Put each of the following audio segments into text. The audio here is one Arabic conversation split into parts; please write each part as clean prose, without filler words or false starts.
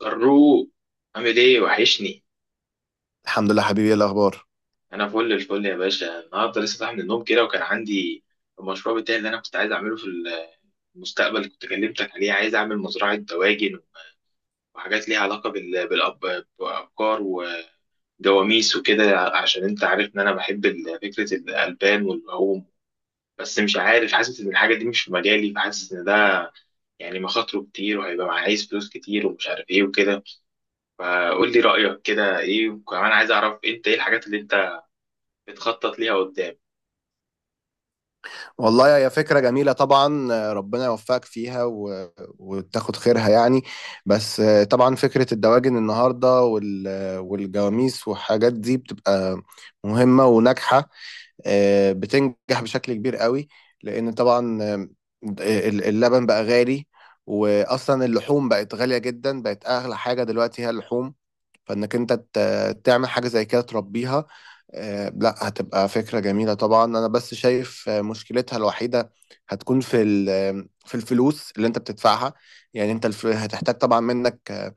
طروق، عامل ايه؟ وحشني. الحمد لله حبيبي، ايه الاخبار؟ انا فل الفل يا باشا، النهارده لسه صاحي من النوم كده، وكان عندي المشروع بتاعي اللي انا كنت عايز اعمله في المستقبل اللي كنت كلمتك عليه. عايز اعمل مزرعه دواجن وحاجات ليها علاقه بالابقار وجواميس وكده، عشان انت عارف ان انا بحب فكره الالبان واللحوم. بس مش عارف، حاسس ان الحاجه دي مش في مجالي، فحاسس ان ده يعني مخاطره كتير وهيبقى عايز فلوس كتير ومش عارف ايه وكده. فقول لي رايك كده ايه، وكمان عايز اعرف انت ايه الحاجات اللي انت بتخطط ليها قدام. والله هي فكره جميله طبعا، ربنا يوفقك فيها و... وتاخد خيرها يعني. بس، طبعا فكره الدواجن النهارده وال... آه، والجواميس والحاجات دي بتبقى مهمه وناجحه. بتنجح بشكل كبير قوي، لان طبعا اللبن بقى غالي. واصلا اللحوم بقت غاليه جدا، بقت اغلى حاجه دلوقتي هي اللحوم. فانك انت تعمل حاجه زي كده تربيها. لا، هتبقى فكره جميله طبعا. انا بس شايف مشكلتها الوحيده هتكون في ال- آه، في الفلوس اللي انت بتدفعها. يعني انت هتحتاج طبعا منك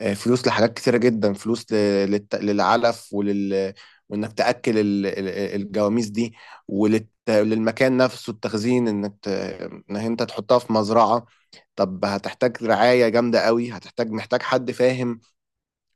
فلوس لحاجات كتيره جدا، فلوس للعلف وانك تاكل الجواميس دي وللمكان نفسه التخزين، انك انك انت تحطها في مزرعه. طب هتحتاج رعاية جامدة قوي، هتحتاج محتاج حد فاهم.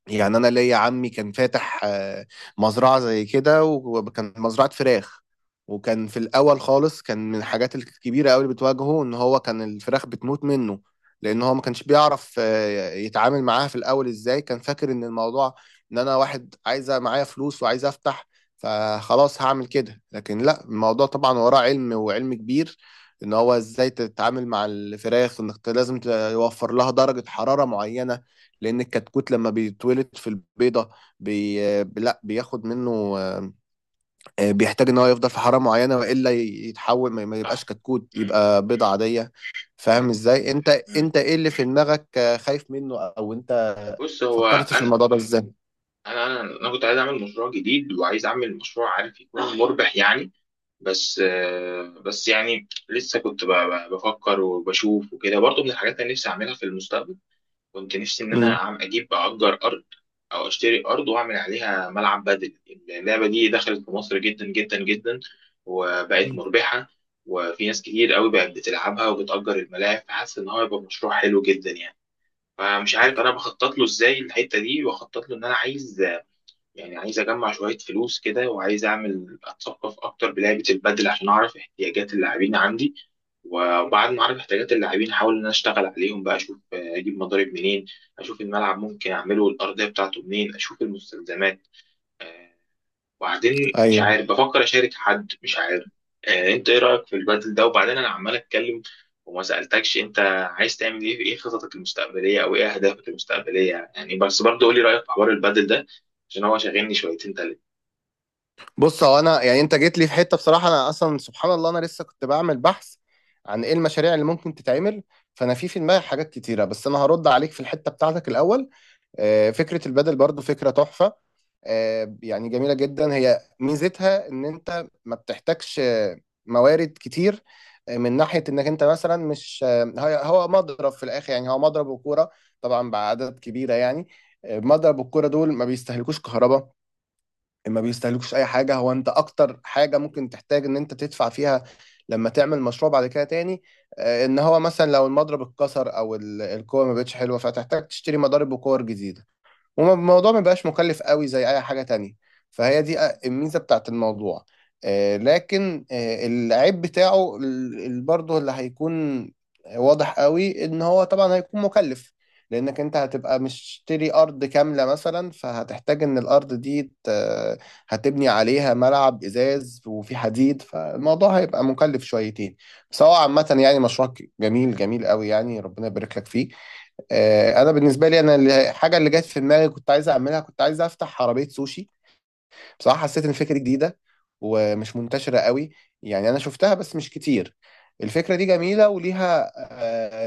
يعني انا ليا عمي كان فاتح مزرعه زي كده، وكان مزرعه فراخ. وكان في الاول خالص، كان من الحاجات الكبيره قوي اللي بتواجهه ان هو كان الفراخ بتموت منه. لان هو ما كانش بيعرف يتعامل معاها في الاول ازاي. كان فاكر ان الموضوع ان انا واحد عايزه معايا فلوس وعايز افتح، فخلاص هعمل كده. لكن لا، الموضوع طبعا وراه علم، وعلم كبير ان هو ازاي تتعامل مع الفراخ، وانك لازم توفر لها درجه حراره معينه. لان الكتكوت لما بيتولد في البيضه، لا بياخد منه، بيحتاج ان هو يفضل في حراره معينه، والا يتحول ما يبقاش صح. كتكوت، مم. يبقى بيضه مم. عاديه. فاهم فعلا. ازاي انت؟ مم. انت ايه اللي في دماغك، خايف منه، او انت بص، هو فكرتش في انا الموضوع ده ازاي؟ أنا كنت عايز اعمل مشروع جديد، وعايز اعمل مشروع عارف يكون مربح يعني. بس بس يعني لسه كنت بفكر وبشوف وكده، برضه من الحاجات اللي نفسي اعملها في المستقبل. كنت نفسي ان انا مم. عم اجيب اجر ارض او اشتري ارض واعمل عليها ملعب بدل. اللعبه دي دخلت في مصر جدا جدا جدا، وبقت مم. مربحه، وفي ناس كتير قوي بقت بتلعبها وبتأجر الملاعب، فحاسس ان هو يبقى مشروع حلو جدا يعني. فمش عارف انا بخطط له ازاي. الحته دي بخطط له ان انا عايز، يعني عايز اجمع شويه فلوس كده، وعايز اعمل اتثقف اكتر بلعبه البدل عشان اعرف احتياجات اللاعبين عندي، وبعد ما اعرف احتياجات اللاعبين احاول ان انا اشتغل عليهم بقى. اشوف اجيب مضارب منين، اشوف الملعب ممكن اعمله الارضيه بتاعته منين، اشوف المستلزمات. آه، وبعدين مش ايوه. عارف بفكر اشارك حد، مش عارف. انت ايه رايك في البدل ده؟ وبعدين انا عمال اتكلم وما سالتكش انت عايز تعمل ايه، ايه خططك المستقبليه او ايه اهدافك المستقبليه يعني. بس برضه قولي رايك في حوار البدل ده عشان هو شاغلني شويتين تلاته. بص، هو انا يعني انت جيت لي في حته بصراحه. انا اصلا سبحان الله انا لسه كنت بعمل بحث عن ايه المشاريع اللي ممكن تتعمل. فانا في دماغي حاجات كتيره، بس انا هرد عليك في الحته بتاعتك الاول. فكرة البدل برضو فكرة تحفة. يعني جميلة جدا. هي ميزتها ان انت ما بتحتاجش موارد كتير. من ناحية انك انت مثلا مش هو مضرب في الاخر. يعني هو مضرب وكورة طبعا بعدد كبيرة يعني. مضرب والكورة دول ما بيستهلكوش كهرباء، ما بيستهلكوش اي حاجة. هو انت اكتر حاجة ممكن تحتاج ان انت تدفع فيها لما تعمل مشروع بعد كده تاني، ان هو مثلا لو المضرب اتكسر او الكورة ما بقتش حلوة، فتحتاج تشتري مضارب وكور جديدة. والموضوع ما بقاش مكلف قوي زي اي حاجة تانية، فهي دي الميزة بتاعت الموضوع. لكن العيب بتاعه برضه اللي هيكون واضح قوي ان هو طبعا هيكون مكلف، لانك انت هتبقى مشتري ارض كاملة مثلا، فهتحتاج ان الارض دي هتبني عليها ملعب ازاز وفي حديد، فالموضوع هيبقى مكلف شويتين. بس هو عامة يعني مشروع جميل جميل قوي، يعني ربنا يبارك لك فيه. انا بالنسبه لي، انا الحاجه اللي جت في دماغي كنت عايز اعملها، كنت عايز افتح عربيه سوشي. بصراحه، حسيت ان الفكره دي جديده ومش منتشره قوي. يعني انا شفتها بس مش كتير. الفكره دي جميله، وليها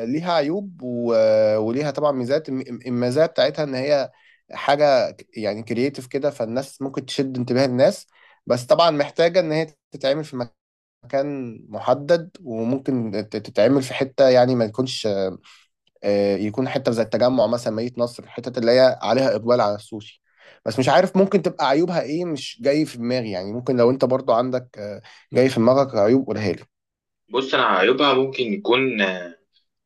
آه، ليها عيوب و- وليها طبعا ميزات، المزايا بتاعتها ان هي حاجه يعني كرييتيف كده، فالناس ممكن تشد انتباه الناس. بس طبعا محتاجه ان هي تتعمل في مكان محدد، وممكن تتعمل في حته، يعني ما تكونش يكون حته زي التجمع مثلا، مدينه نصر، الحتت اللي هي عليها اقبال على السوشي. بس مش عارف ممكن تبقى عيوبها ايه، مش جاي في دماغي. يعني ممكن لو انت برضو عندك جاي في دماغك عيوب، قولها لي. بص، انا عيوبها ممكن يكون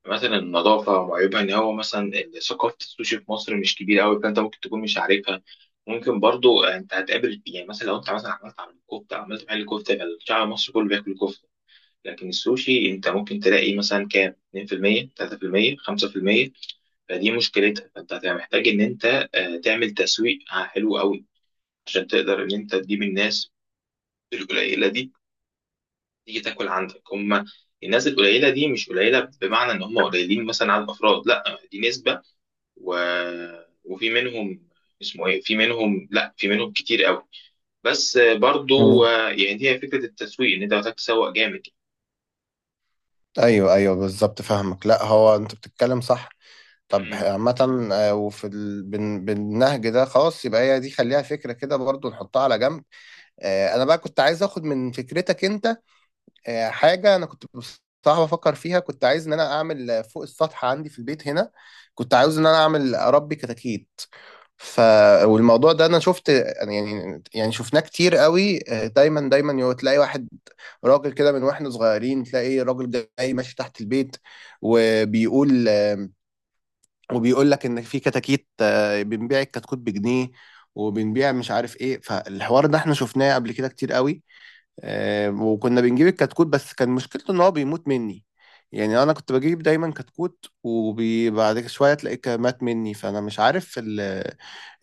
مثلا النظافة، وعيوبها إن هو مثلا ثقافة السوشي في مصر مش كبيرة أوي فأنت ممكن تكون مش عارفها. ممكن برضو أنت هتقابل، يعني مثلا لو أنت مثلا عملت عمل كفتة، عملت محل كفتة، الشعب المصري كله بياكل كفتة، لكن السوشي أنت ممكن تلاقي مثلا كام 2% 3% 5%. فدي مشكلتها، فأنت هتبقى محتاج إن أنت تعمل تسويق حلو أوي عشان تقدر إن أنت تجيب الناس القليلة دي تيجي تاكل عندك. هما الناس القليلة دي مش قليلة بمعنى إن هم قليلين مثلا على الأفراد، لأ، دي نسبة و... وفي منهم، اسمه ايه، في منهم، لا في منهم كتير قوي. بس برضو مم. يعني هي فكره التسويق ان انت محتاج تسوق جامد. ايوه، ايوه بالظبط، فاهمك. لا، هو انت بتتكلم صح. طب مم. عامة، وفي ال... بال... بالنهج ده خلاص، يبقى هي دي خليها فكرة كده برضو نحطها على جنب. انا بقى كنت عايز اخد من فكرتك انت حاجة. أنا كنت بصراحة بفكر فيها، كنت عايز إن أنا أعمل فوق السطح عندي في البيت هنا. كنت عاوز إن أنا أعمل، أربي كتاكيت. ف والموضوع ده أنا شفت، يعني شفناه كتير قوي. دايما دايما تلاقي واحد راجل كده. من واحنا صغيرين تلاقي راجل جاي ماشي تحت البيت، وبيقول آه، وبيقول لك إن في كتاكيت، بنبيع الكتكوت بجنيه، وبنبيع مش عارف إيه. فالحوار ده إحنا شفناه قبل كده كتير قوي. وكنا بنجيب الكتكوت، بس كان مشكلته ان هو بيموت مني. يعني انا كنت بجيب دايما كتكوت، وبعد شويه تلاقيه كان مات مني. فانا مش عارف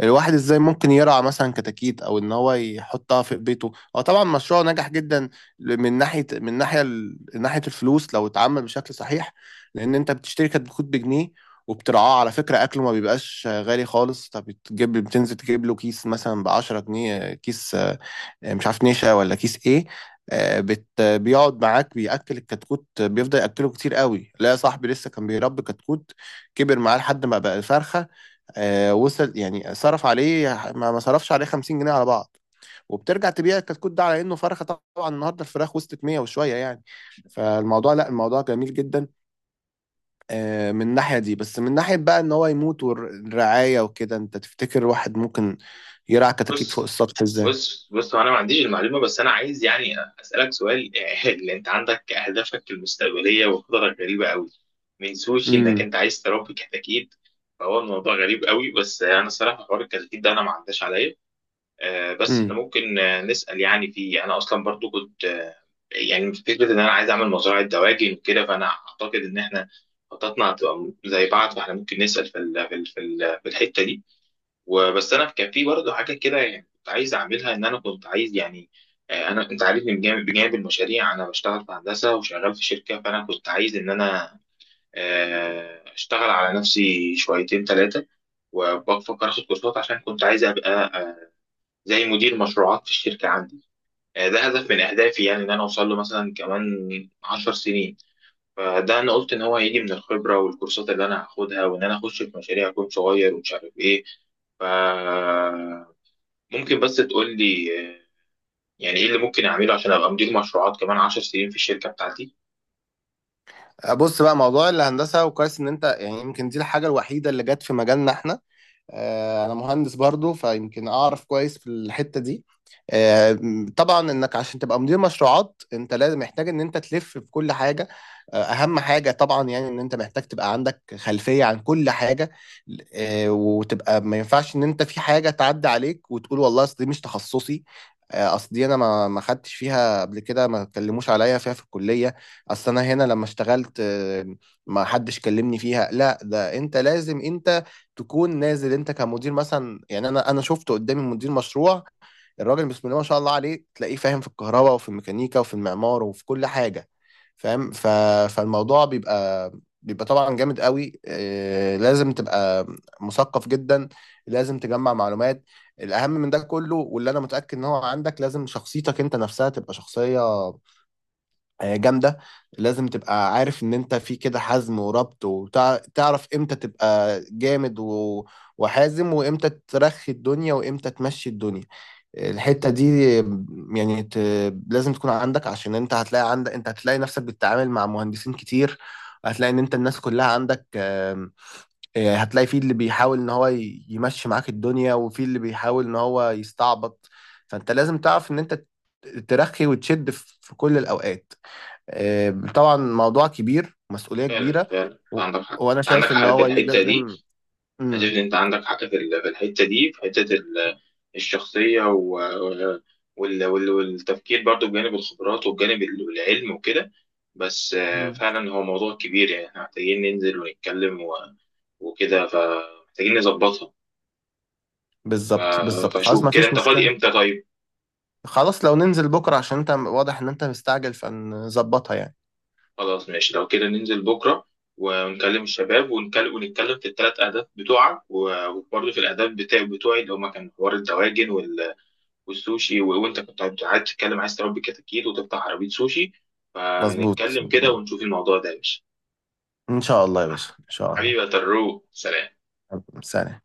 الواحد ازاي ممكن يرعى مثلا كتاكيت او ان هو يحطها في بيته. هو طبعا مشروع نجح جدا من ناحيه، ناحيه الفلوس، لو اتعمل بشكل صحيح. لان انت بتشتري كتكوت بجنيه وبترعاه. على فكرة، أكله ما بيبقاش غالي خالص. طب بتجيب، بتنزل تجيب له كيس مثلا بعشرة جنيه كيس، مش عارف نشا ولا كيس ايه. بيقعد معاك بيأكل، الكتكوت بيفضل يأكله كتير قوي. لا يا صاحبي، لسه كان بيربي كتكوت، كبر معاه لحد ما بقى فرخة. وصل يعني صرف عليه، ما صرفش عليه 50 جنيه على بعض، وبترجع تبيع الكتكوت ده على انه فرخه. طبعا النهارده الفراخ وصلت 100 وشويه يعني. فالموضوع لا الموضوع جميل جدا من الناحيه دي. بس من ناحيه بقى ان هو يموت والرعايه وكده، انت تفتكر واحد ممكن يرعى كتاكيت فوق بص السطح ازاي؟ بص هو انا ما عنديش المعلومه، بس انا عايز يعني اسالك سؤال. اللي انت عندك اهدافك المستقبليه وخططك غريبه قوي، من سوشي انك امم، انت عايز تربي كتاكيت، فهو الموضوع غريب قوي. بس انا الصراحه حوار الكتاكيت ده انا ما عداش عليا. بس احنا امم. ممكن نسأل يعني. في، انا اصلا برضو كنت يعني فكرة ان انا عايز اعمل مزرعة دواجن وكده، فانا اعتقد ان احنا خططنا هتبقى زي بعض، فاحنا ممكن نسأل في الحتة دي. وبس انا كان في برضو حاجة كده يعني كنت عايز اعملها. ان انا كنت عايز يعني انا، انت عارفني، بجانب المشاريع انا بشتغل في هندسة وشغال في شركة، فانا كنت عايز ان انا اشتغل على نفسي شويتين ثلاثة وبفكر اخد كورسات، عشان كنت عايز ابقى زي مدير مشروعات في الشركة عندي. ده هدف من أهدافي يعني، إن أنا أوصل له مثلا كمان 10 سنين. فده أنا قلت إن هو هيجي من الخبرة والكورسات اللي أنا هاخدها، وإن أنا أخش في مشاريع أكون صغير ومش عارف إيه. فممكن بس تقول لي يعني إيه اللي ممكن أعمله عشان أبقى مدير مشروعات كمان 10 سنين في الشركة بتاعتي؟ بص بقى، موضوع الهندسة، وكويس ان انت يعني، يمكن دي الحاجة الوحيدة اللي جت في مجالنا احنا. انا مهندس برضو، فيمكن اعرف كويس في الحتة دي. آه، طبعا انك عشان تبقى مدير مشروعات، انت لازم محتاج ان انت تلف في كل حاجة. اهم حاجة طبعا يعني ان انت محتاج تبقى عندك خلفية عن كل حاجة. وتبقى ما ينفعش ان انت في حاجة تعدي عليك وتقول والله اصل دي مش تخصصي، اصل دي انا ما خدتش فيها قبل كده، ما اتكلموش عليا فيها في الكلية، اصل انا هنا لما اشتغلت ما حدش كلمني فيها. لا، ده انت لازم انت تكون نازل انت كمدير مثلا. يعني انا شفت قدامي مدير مشروع، الراجل بسم الله ما شاء الله عليه، تلاقيه فاهم في الكهرباء وفي الميكانيكا وفي المعمار وفي كل حاجة، فاهم. فالموضوع بيبقى طبعا جامد قوي. لازم تبقى مثقف جدا، لازم تجمع معلومات. الأهم من ده كله واللي أنا متأكد إن هو عندك، لازم شخصيتك أنت نفسها تبقى شخصية جامدة. لازم تبقى عارف ان انت في كده حزم وربط، وتعرف امتى تبقى جامد و... وحازم، وامتى ترخي الدنيا وامتى تمشي الدنيا. الحتة دي يعني لازم تكون عندك، عشان انت هتلاقي عندك انت هتلاقي نفسك بتتعامل مع مهندسين كتير. هتلاقي ان انت الناس كلها عندك، هتلاقي في اللي بيحاول ان هو يمشي معاك الدنيا، وفي اللي بيحاول ان هو يستعبط. فانت لازم تعرف ان انت ترخي وتشد في كل الاوقات. طبعا موضوع كبير، مسؤولية فعلا كبيرة. فعلا، أنت و... عندك حق، وانا أنت عندك شايف ان حق في هو ليه الحتة دي. لازم. أنا شايف مم. إن أنت عندك حق في الحتة دي، في حتة ال الشخصية والتفكير، برضو بجانب الخبرات وبجانب العلم وكده. بس مم. فعلا هو موضوع كبير يعني، احنا محتاجين ننزل ونتكلم وكده، فمحتاجين نظبطها. ف... بالظبط بالظبط، خلاص فشوف ما كده فيش انت فاضي مشكلة. امتى طيب. خلاص، لو ننزل بكرة عشان انت واضح ان انت مستعجل، فنظبطها يعني. خلاص ماشي، لو كده ننزل بكرة ونكلم الشباب، ونكلم ونتكلم في ال3 أهداف بتوعك، وبرضه في الأهداف بتوعي، اللي هما كان حوار الدواجن والسوشي، وانت كنت قاعد تتكلم عايز تربي كتاكيت وتفتح عربيه سوشي. مظبوط، فنتكلم كده مظبوط. ونشوف الموضوع ده يا باشا. ان شاء الله يا باشا، ان شاء الله. حبيبي يا طروق، سلام. سلام.